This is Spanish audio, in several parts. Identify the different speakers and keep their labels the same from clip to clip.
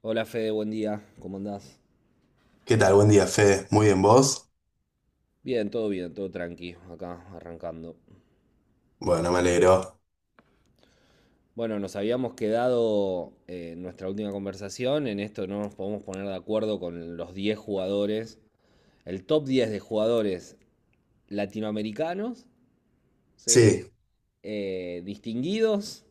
Speaker 1: Hola Fede, buen día, ¿cómo andás?
Speaker 2: ¿Qué tal? Buen día, Fede. ¿Muy bien vos?
Speaker 1: Bien, todo tranqui, acá arrancando.
Speaker 2: Bueno, me alegro.
Speaker 1: Bueno, nos habíamos quedado en nuestra última conversación, en esto no nos podemos poner de acuerdo con los 10 jugadores, el top 10 de jugadores latinoamericanos, ¿sí?
Speaker 2: Sí,
Speaker 1: Distinguidos,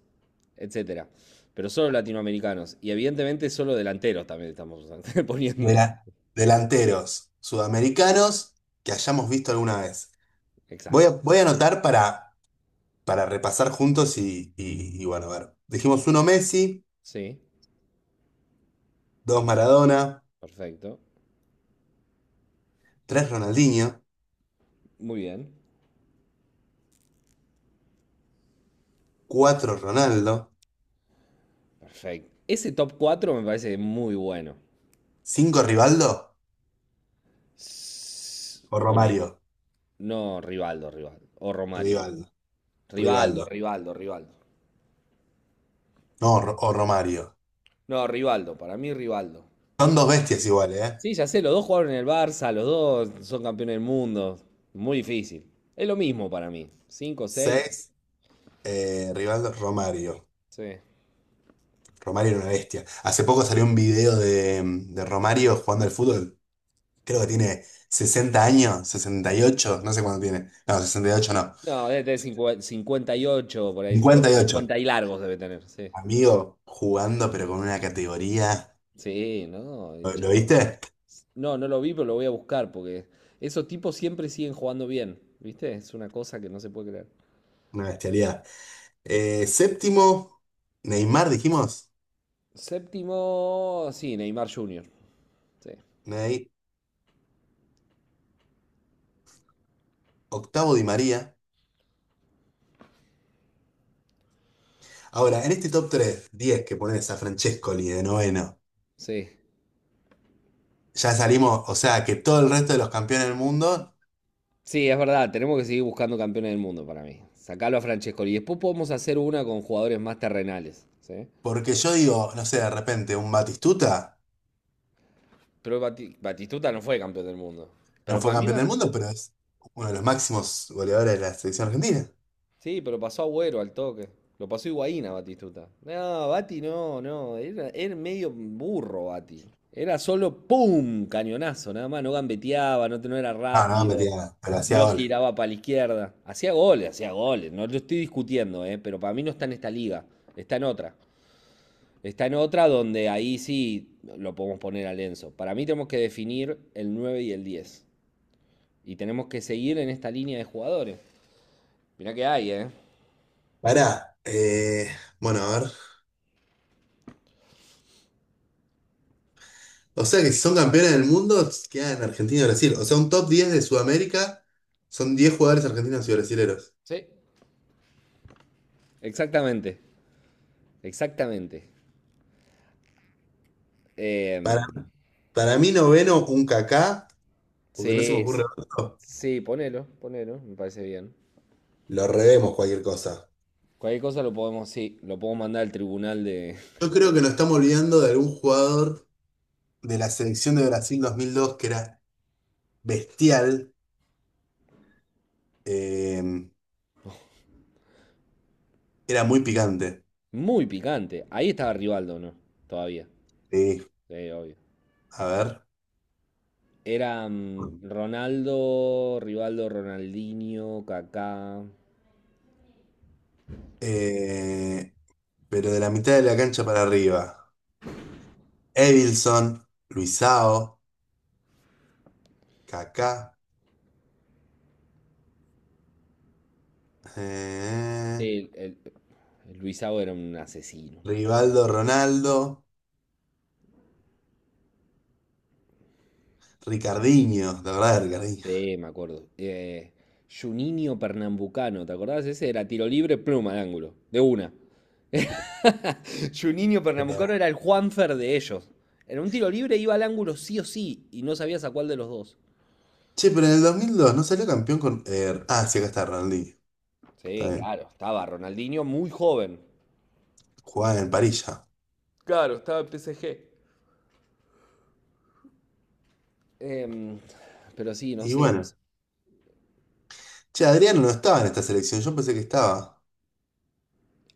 Speaker 1: etcétera. Pero solo latinoamericanos, y evidentemente solo delanteros también estamos
Speaker 2: de
Speaker 1: poniendo.
Speaker 2: la- delanteros sudamericanos que hayamos visto alguna vez.
Speaker 1: Exacto.
Speaker 2: Voy a anotar para repasar juntos y bueno, a ver. Dijimos uno Messi,
Speaker 1: Sí,
Speaker 2: dos Maradona,
Speaker 1: perfecto.
Speaker 2: tres Ronaldinho,
Speaker 1: Muy bien.
Speaker 2: cuatro Ronaldo,
Speaker 1: Perfecto. Ese top 4 me parece muy bueno.
Speaker 2: cinco Rivaldo
Speaker 1: S-
Speaker 2: o
Speaker 1: o Ney-
Speaker 2: Romario.
Speaker 1: No, Rivaldo, Rivaldo. O Romario.
Speaker 2: Rivaldo,
Speaker 1: Rivaldo,
Speaker 2: Rivaldo.
Speaker 1: Rivaldo, Rivaldo.
Speaker 2: No, o Romario.
Speaker 1: No, Rivaldo, para mí Rivaldo.
Speaker 2: Son dos bestias iguales, ¿eh?
Speaker 1: Sí, ya sé, los dos jugaron en el Barça, los dos son campeones del mundo. Muy difícil. Es lo mismo para mí. 5, 6
Speaker 2: Seis, Rivaldo, Romario.
Speaker 1: sí.
Speaker 2: Romario era una bestia. Hace poco salió un video de Romario jugando al fútbol. Creo que tiene 60 años, 68, no sé cuánto tiene. No, 68 no.
Speaker 1: No, debe tener 50 58, por ahí, 50,
Speaker 2: 58.
Speaker 1: 50 y largos debe tener, sí.
Speaker 2: Amigo, jugando pero con una categoría.
Speaker 1: Sí, no, el
Speaker 2: Lo
Speaker 1: Chapu.
Speaker 2: viste?
Speaker 1: No, no lo vi, pero lo voy a buscar porque esos tipos siempre siguen jugando bien, ¿viste? Es una cosa que no se puede creer.
Speaker 2: Una bestialidad. Séptimo, Neymar, dijimos.
Speaker 1: Séptimo, sí, Neymar Jr. Sí,
Speaker 2: Ney. Octavo, Di María. Ahora, en este diez que pones a Francescoli de noveno,
Speaker 1: sí.
Speaker 2: ya salimos, o sea que todo el resto de los campeones del mundo.
Speaker 1: Sí, es verdad, tenemos que seguir buscando campeones del mundo para mí. Sacalo a Francescoli. Y después podemos hacer una con jugadores más terrenales, ¿sí?
Speaker 2: Porque yo digo, no sé, de repente un Batistuta
Speaker 1: Pero Batistuta no fue campeón del mundo.
Speaker 2: no
Speaker 1: Pero
Speaker 2: fue
Speaker 1: para mí
Speaker 2: campeón del
Speaker 1: Bat-
Speaker 2: mundo, pero es uno de los máximos goleadores de la selección argentina.
Speaker 1: Sí, pero pasó Agüero al toque. Lo pasó Higuaín a Batistuta. No, Bati no, no. Era medio burro Bati. Era solo ¡pum! Cañonazo, nada más. No gambeteaba, no, no era
Speaker 2: Ah, no, metía
Speaker 1: rápido.
Speaker 2: nada, pero hacía
Speaker 1: No
Speaker 2: goles.
Speaker 1: giraba para la izquierda. Hacía goles, hacía goles. No lo estoy discutiendo, pero para mí no está en esta liga. Está en otra. Está en otra donde ahí sí lo podemos poner a Lenzo. Para mí tenemos que definir el 9 y el diez. Y tenemos que seguir en esta línea de jugadores. Mirá que hay, ¿eh?
Speaker 2: Pará, bueno, a ver. O sea que si son campeones del mundo, quedan en Argentina y Brasil. O sea, un top 10 de Sudamérica son 10 jugadores argentinos y brasileros.
Speaker 1: Sí, exactamente, exactamente.
Speaker 2: Para,
Speaker 1: Em,
Speaker 2: para mí, noveno, un Kaká, porque no se me
Speaker 1: sí,
Speaker 2: ocurre otro.
Speaker 1: sí, ponelo, ponelo, me parece bien.
Speaker 2: Lo revemos cualquier cosa.
Speaker 1: Cualquier cosa lo podemos, sí, lo podemos mandar al tribunal de...
Speaker 2: Yo creo que nos estamos olvidando de algún jugador de la selección de Brasil 2002 que era bestial. Eh, era muy picante.
Speaker 1: Muy picante. Ahí estaba Rivaldo, ¿no? Todavía.
Speaker 2: Sí.
Speaker 1: Sí, obvio.
Speaker 2: A ver.
Speaker 1: Era Ronaldo, Rivaldo, Ronaldinho, Kaká.
Speaker 2: Eh, pero de la mitad de la cancha para arriba. Evilson, Luisao, Kaká, eh,
Speaker 1: Sí, el Luisao era un asesino.
Speaker 2: Rivaldo, Ronaldo, Ricardinho, la verdad, Ricardinho.
Speaker 1: Sí, me acuerdo. Juninho Pernambucano, ¿te acordás? Ese era tiro libre, pluma al ángulo. De una. Juninho
Speaker 2: Pero, eh.
Speaker 1: Pernambucano era el Juanfer de ellos. En un tiro libre iba al ángulo sí o sí y no sabías a cuál de los dos.
Speaker 2: Che, pero en el dos mil dos no salió campeón con... sí, acá está Ronaldinho. Está
Speaker 1: Sí,
Speaker 2: bien.
Speaker 1: claro, estaba Ronaldinho muy joven.
Speaker 2: Jugaba en Parilla.
Speaker 1: Claro, estaba en PSG. Em, pero sí, no
Speaker 2: Y
Speaker 1: sé, no
Speaker 2: bueno.
Speaker 1: sé.
Speaker 2: Che, Adriano no estaba en esta selección. Yo pensé que estaba.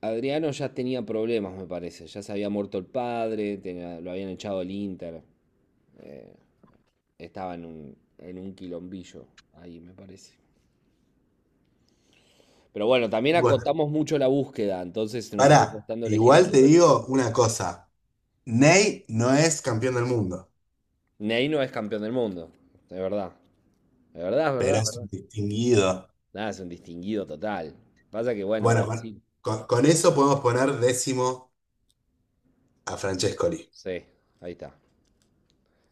Speaker 1: Adriano ya tenía problemas, me parece. Ya se había muerto el padre, tenía- lo habían echado el Inter. Estaba en un quilombillo ahí, me parece. Pero bueno, también
Speaker 2: Bueno,
Speaker 1: acotamos mucho la búsqueda, entonces nos está
Speaker 2: pará.
Speaker 1: costando elegir el
Speaker 2: Igual te
Speaker 1: 10.
Speaker 2: digo una cosa. Ney no es campeón del mundo,
Speaker 1: Ney no es campeón del mundo, de verdad. Es verdad, es verdad,
Speaker 2: pero
Speaker 1: es
Speaker 2: es un
Speaker 1: verdad.
Speaker 2: distinguido.
Speaker 1: Nada, es un distinguido total. Pasa que, bueno,
Speaker 2: Bueno, con,
Speaker 1: Brasil.
Speaker 2: con- con eso podemos poner décimo a Francescoli.
Speaker 1: Sí, ahí está.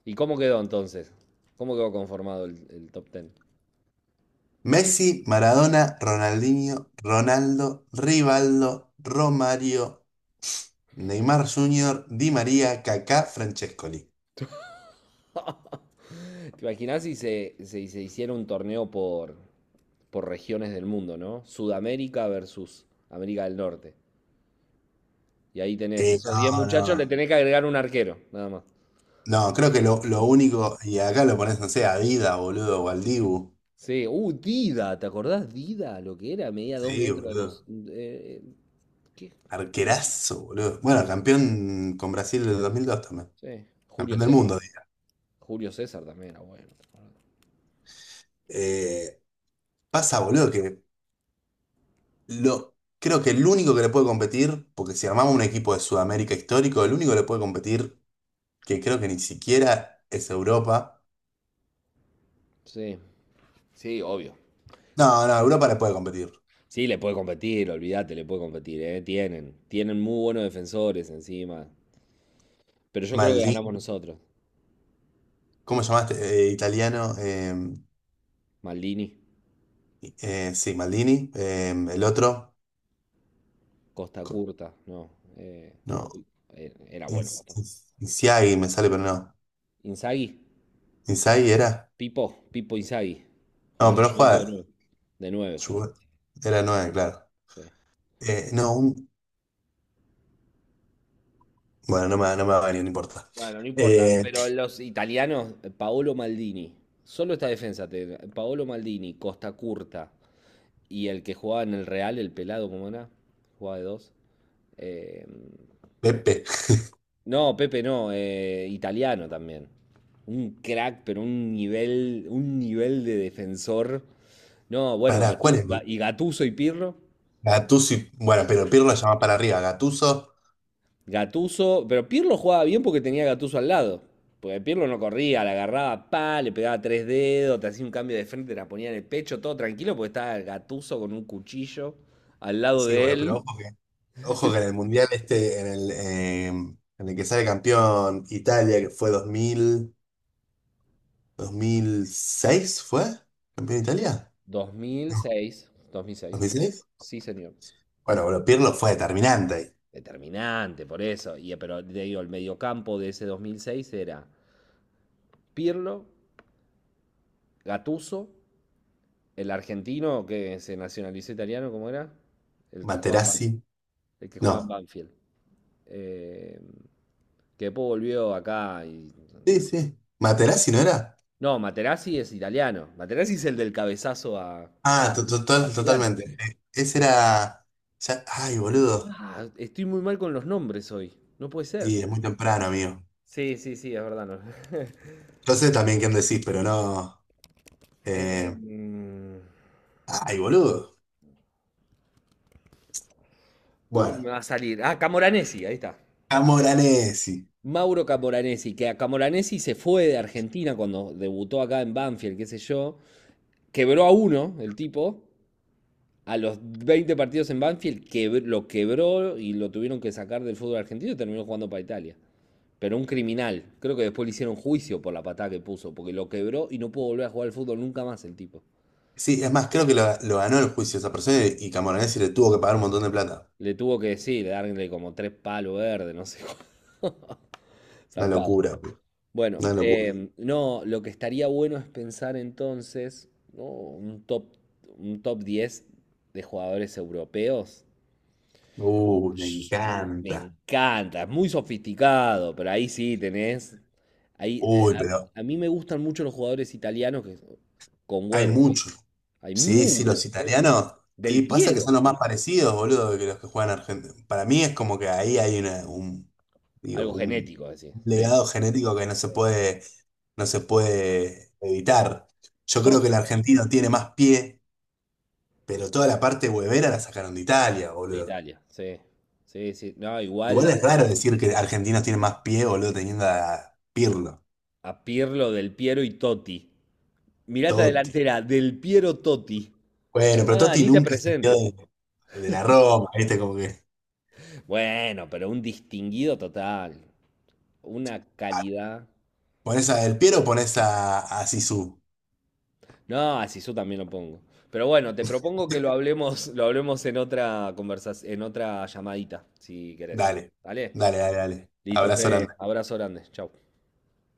Speaker 1: ¿Y cómo quedó entonces? ¿Cómo quedó conformado el top ten?
Speaker 2: Messi, Maradona, Ronaldinho, Ronaldo, Rivaldo, Romario, Neymar Jr., Di María, Kaká, Francescoli.
Speaker 1: ¿Te imaginás si se hiciera un torneo por regiones del mundo? ¿No? Sudamérica versus América del Norte. Y ahí tenés esos 10
Speaker 2: No,
Speaker 1: muchachos, le
Speaker 2: no.
Speaker 1: tenés que agregar un arquero, nada más.
Speaker 2: No, creo que lo único, y acá lo pones, no sé, a Dida, boludo, o al Dibu.
Speaker 1: Sí, Dida, ¿te acordás Dida? Lo que era, medía 2
Speaker 2: Sí,
Speaker 1: metros, dos,
Speaker 2: boludo.
Speaker 1: ¿qué? Dida,
Speaker 2: Arquerazo, boludo.
Speaker 1: arquera.
Speaker 2: Bueno, campeón con Brasil del 2002 también.
Speaker 1: Sí, Julio
Speaker 2: Campeón del
Speaker 1: César.
Speaker 2: mundo.
Speaker 1: Julio César también era bueno.
Speaker 2: Eh, pasa, boludo, que lo, creo que el único que le puede competir, porque si armamos un equipo de Sudamérica histórico, el único que le puede competir, que creo que ni siquiera es Europa.
Speaker 1: Sí, sí, obvio.
Speaker 2: No, no, Europa le puede competir.
Speaker 1: Sí, le puede competir, olvídate, le puede competir, ¿eh? Tienen muy buenos defensores encima. Pero yo creo que ganamos
Speaker 2: Maldini,
Speaker 1: nosotros.
Speaker 2: ¿cómo llamaste? Italiano.
Speaker 1: Maldini,
Speaker 2: Sí, Maldini. Eh, el otro.
Speaker 1: Costa
Speaker 2: co-
Speaker 1: Curta, no.
Speaker 2: No.
Speaker 1: Uy, era bueno Costa Curta.
Speaker 2: Insiagi me sale, pero no.
Speaker 1: Inzaghi,
Speaker 2: ¿Insiagi era?
Speaker 1: Pipo, Pipo Inzaghi.
Speaker 2: No,
Speaker 1: Jugaban en la
Speaker 2: pero no
Speaker 1: Juventus de
Speaker 2: jugaba.
Speaker 1: nueve. De nueve jugaban.
Speaker 2: Ju- Era nueve, claro.
Speaker 1: Sí.
Speaker 2: Eh, no, un- bueno, no me va a venir, no importa.
Speaker 1: Bueno, no importa.
Speaker 2: Eh,
Speaker 1: Pero los italianos, Paolo Maldini. Solo esta defensa, Paolo Maldini, Costa Curta, y el que jugaba en el Real, el pelado, ¿cómo era? Jugaba de dos. Eh,
Speaker 2: Pepe.
Speaker 1: no, Pepe no, italiano también. Un crack, pero un nivel de defensor. No, bueno,
Speaker 2: Para, ¿cuál es, boludo?
Speaker 1: Y Gattuso y Pirlo.
Speaker 2: Gattuso y... bueno, pero Pirlo ya va para arriba. Gattuso
Speaker 1: Gattuso pero Pirlo jugaba bien porque tenía a Gattuso al lado. Porque Pirlo no corría, la agarraba, pa, le pegaba tres dedos, te hacía un cambio de frente, te la ponía en el pecho, todo tranquilo, porque estaba Gattuso con un cuchillo al lado
Speaker 2: sí,
Speaker 1: de
Speaker 2: boludo,
Speaker 1: él.
Speaker 2: ojo que en el Mundial este, en el que sale campeón Italia, que fue 2006, ¿fue? ¿Campeón Italia?
Speaker 1: Dos mil
Speaker 2: No,
Speaker 1: seis 2006.
Speaker 2: ¿2006?
Speaker 1: Sí, señor.
Speaker 2: Bueno, boludo, Pirlo fue determinante ahí.
Speaker 1: Determinante, por eso. Y, pero te digo, el mediocampo de ese 2006 era Pirlo, Gattuso. El argentino que se nacionalizó italiano, ¿cómo era? El que juega en
Speaker 2: Materazzi,
Speaker 1: Banfield. El que juega en
Speaker 2: no.
Speaker 1: Banfield. Eh, que después volvió acá y...
Speaker 2: Sí, sí. ¿Materazzi no era?
Speaker 1: No, Materazzi es italiano. Materazzi es el del cabezazo a,
Speaker 2: Ah,
Speaker 1: a
Speaker 2: total,
Speaker 1: Zidane.
Speaker 2: totalmente. Ese era... Ay, boludo.
Speaker 1: Ah, estoy muy mal con los nombres hoy. No puede
Speaker 2: Sí,
Speaker 1: ser.
Speaker 2: es muy temprano, amigo.
Speaker 1: Sí, sí, sí, es verdad. No.
Speaker 2: Yo sé también quién decís, pero no...
Speaker 1: Eh,
Speaker 2: Eh, ay, boludo.
Speaker 1: ¿Cómo no
Speaker 2: Bueno,
Speaker 1: me va a salir? Ah, Camoranesi, ahí está.
Speaker 2: Camoranesi.
Speaker 1: Mauro Camoranesi, que a Camoranesi se fue de Argentina cuando debutó acá en Banfield, qué sé yo. Quebró a uno el tipo. A los 20 partidos en Banfield lo quebró y lo tuvieron que sacar del fútbol argentino y terminó jugando para Italia. Pero un criminal. Creo que después le hicieron juicio por la patada que puso, porque lo quebró y no pudo volver a jugar al fútbol nunca más el tipo.
Speaker 2: Sí, es más, creo que lo ganó el juicio esa persona y Camoranesi le tuvo que pagar un montón de plata.
Speaker 1: Le tuvo que decir, darle como tres palos verdes, no sé.
Speaker 2: Una
Speaker 1: Zarpado.
Speaker 2: locura, boludo.
Speaker 1: Bueno,
Speaker 2: Una locura.
Speaker 1: no, lo que estaría bueno es pensar entonces, ¿no? Un top 10 de jugadores europeos.
Speaker 2: Me
Speaker 1: Sh- Me
Speaker 2: encanta.
Speaker 1: encanta, es muy sofisticado, pero ahí sí tenés. Ahí, de-
Speaker 2: Uy, pero
Speaker 1: a, a mí me gustan mucho los jugadores italianos que son- con
Speaker 2: hay
Speaker 1: huevo, ¿viste?
Speaker 2: mucho.
Speaker 1: Hay
Speaker 2: Sí, sí,
Speaker 1: muchos,
Speaker 2: los
Speaker 1: sí.
Speaker 2: italianos.
Speaker 1: Del
Speaker 2: Y pasa que son
Speaker 1: Piero,
Speaker 2: los más parecidos, boludo, que los que juegan Argentina. Para mí es como que ahí hay digo,
Speaker 1: algo
Speaker 2: un
Speaker 1: genético, así, sí.
Speaker 2: legado genético que no se
Speaker 1: Sí.
Speaker 2: puede, no se puede evitar. Yo creo que el
Speaker 1: Totti,
Speaker 2: argentino tiene más pie. Pero toda la parte huevera la sacaron de Italia,
Speaker 1: de
Speaker 2: boludo.
Speaker 1: Italia, sí. Sí, sí. No,
Speaker 2: Igual
Speaker 1: igual
Speaker 2: es raro decir que Argentina tiene más pie, boludo, teniendo a Pirlo,
Speaker 1: a Pirlo, Del Piero y Totti. Mirata
Speaker 2: Totti.
Speaker 1: delantera del Piero Totti.
Speaker 2: Bueno, pero
Speaker 1: Ah,
Speaker 2: Totti
Speaker 1: ni te
Speaker 2: nunca se quedó
Speaker 1: presentes.
Speaker 2: de la Roma, ¿viste? Como que
Speaker 1: Bueno, pero un distinguido total. Una calidad.
Speaker 2: pones a Del Piero o pones a Zizou.
Speaker 1: No, así yo también lo pongo. Pero bueno, te propongo que lo hablemos en otra conversación, en otra llamadita, si querés.
Speaker 2: Dale,
Speaker 1: ¿Vale?
Speaker 2: dale, dale, dale.
Speaker 1: Listo,
Speaker 2: Abrazo
Speaker 1: Fede.
Speaker 2: grande.
Speaker 1: Abrazo grande. Chau.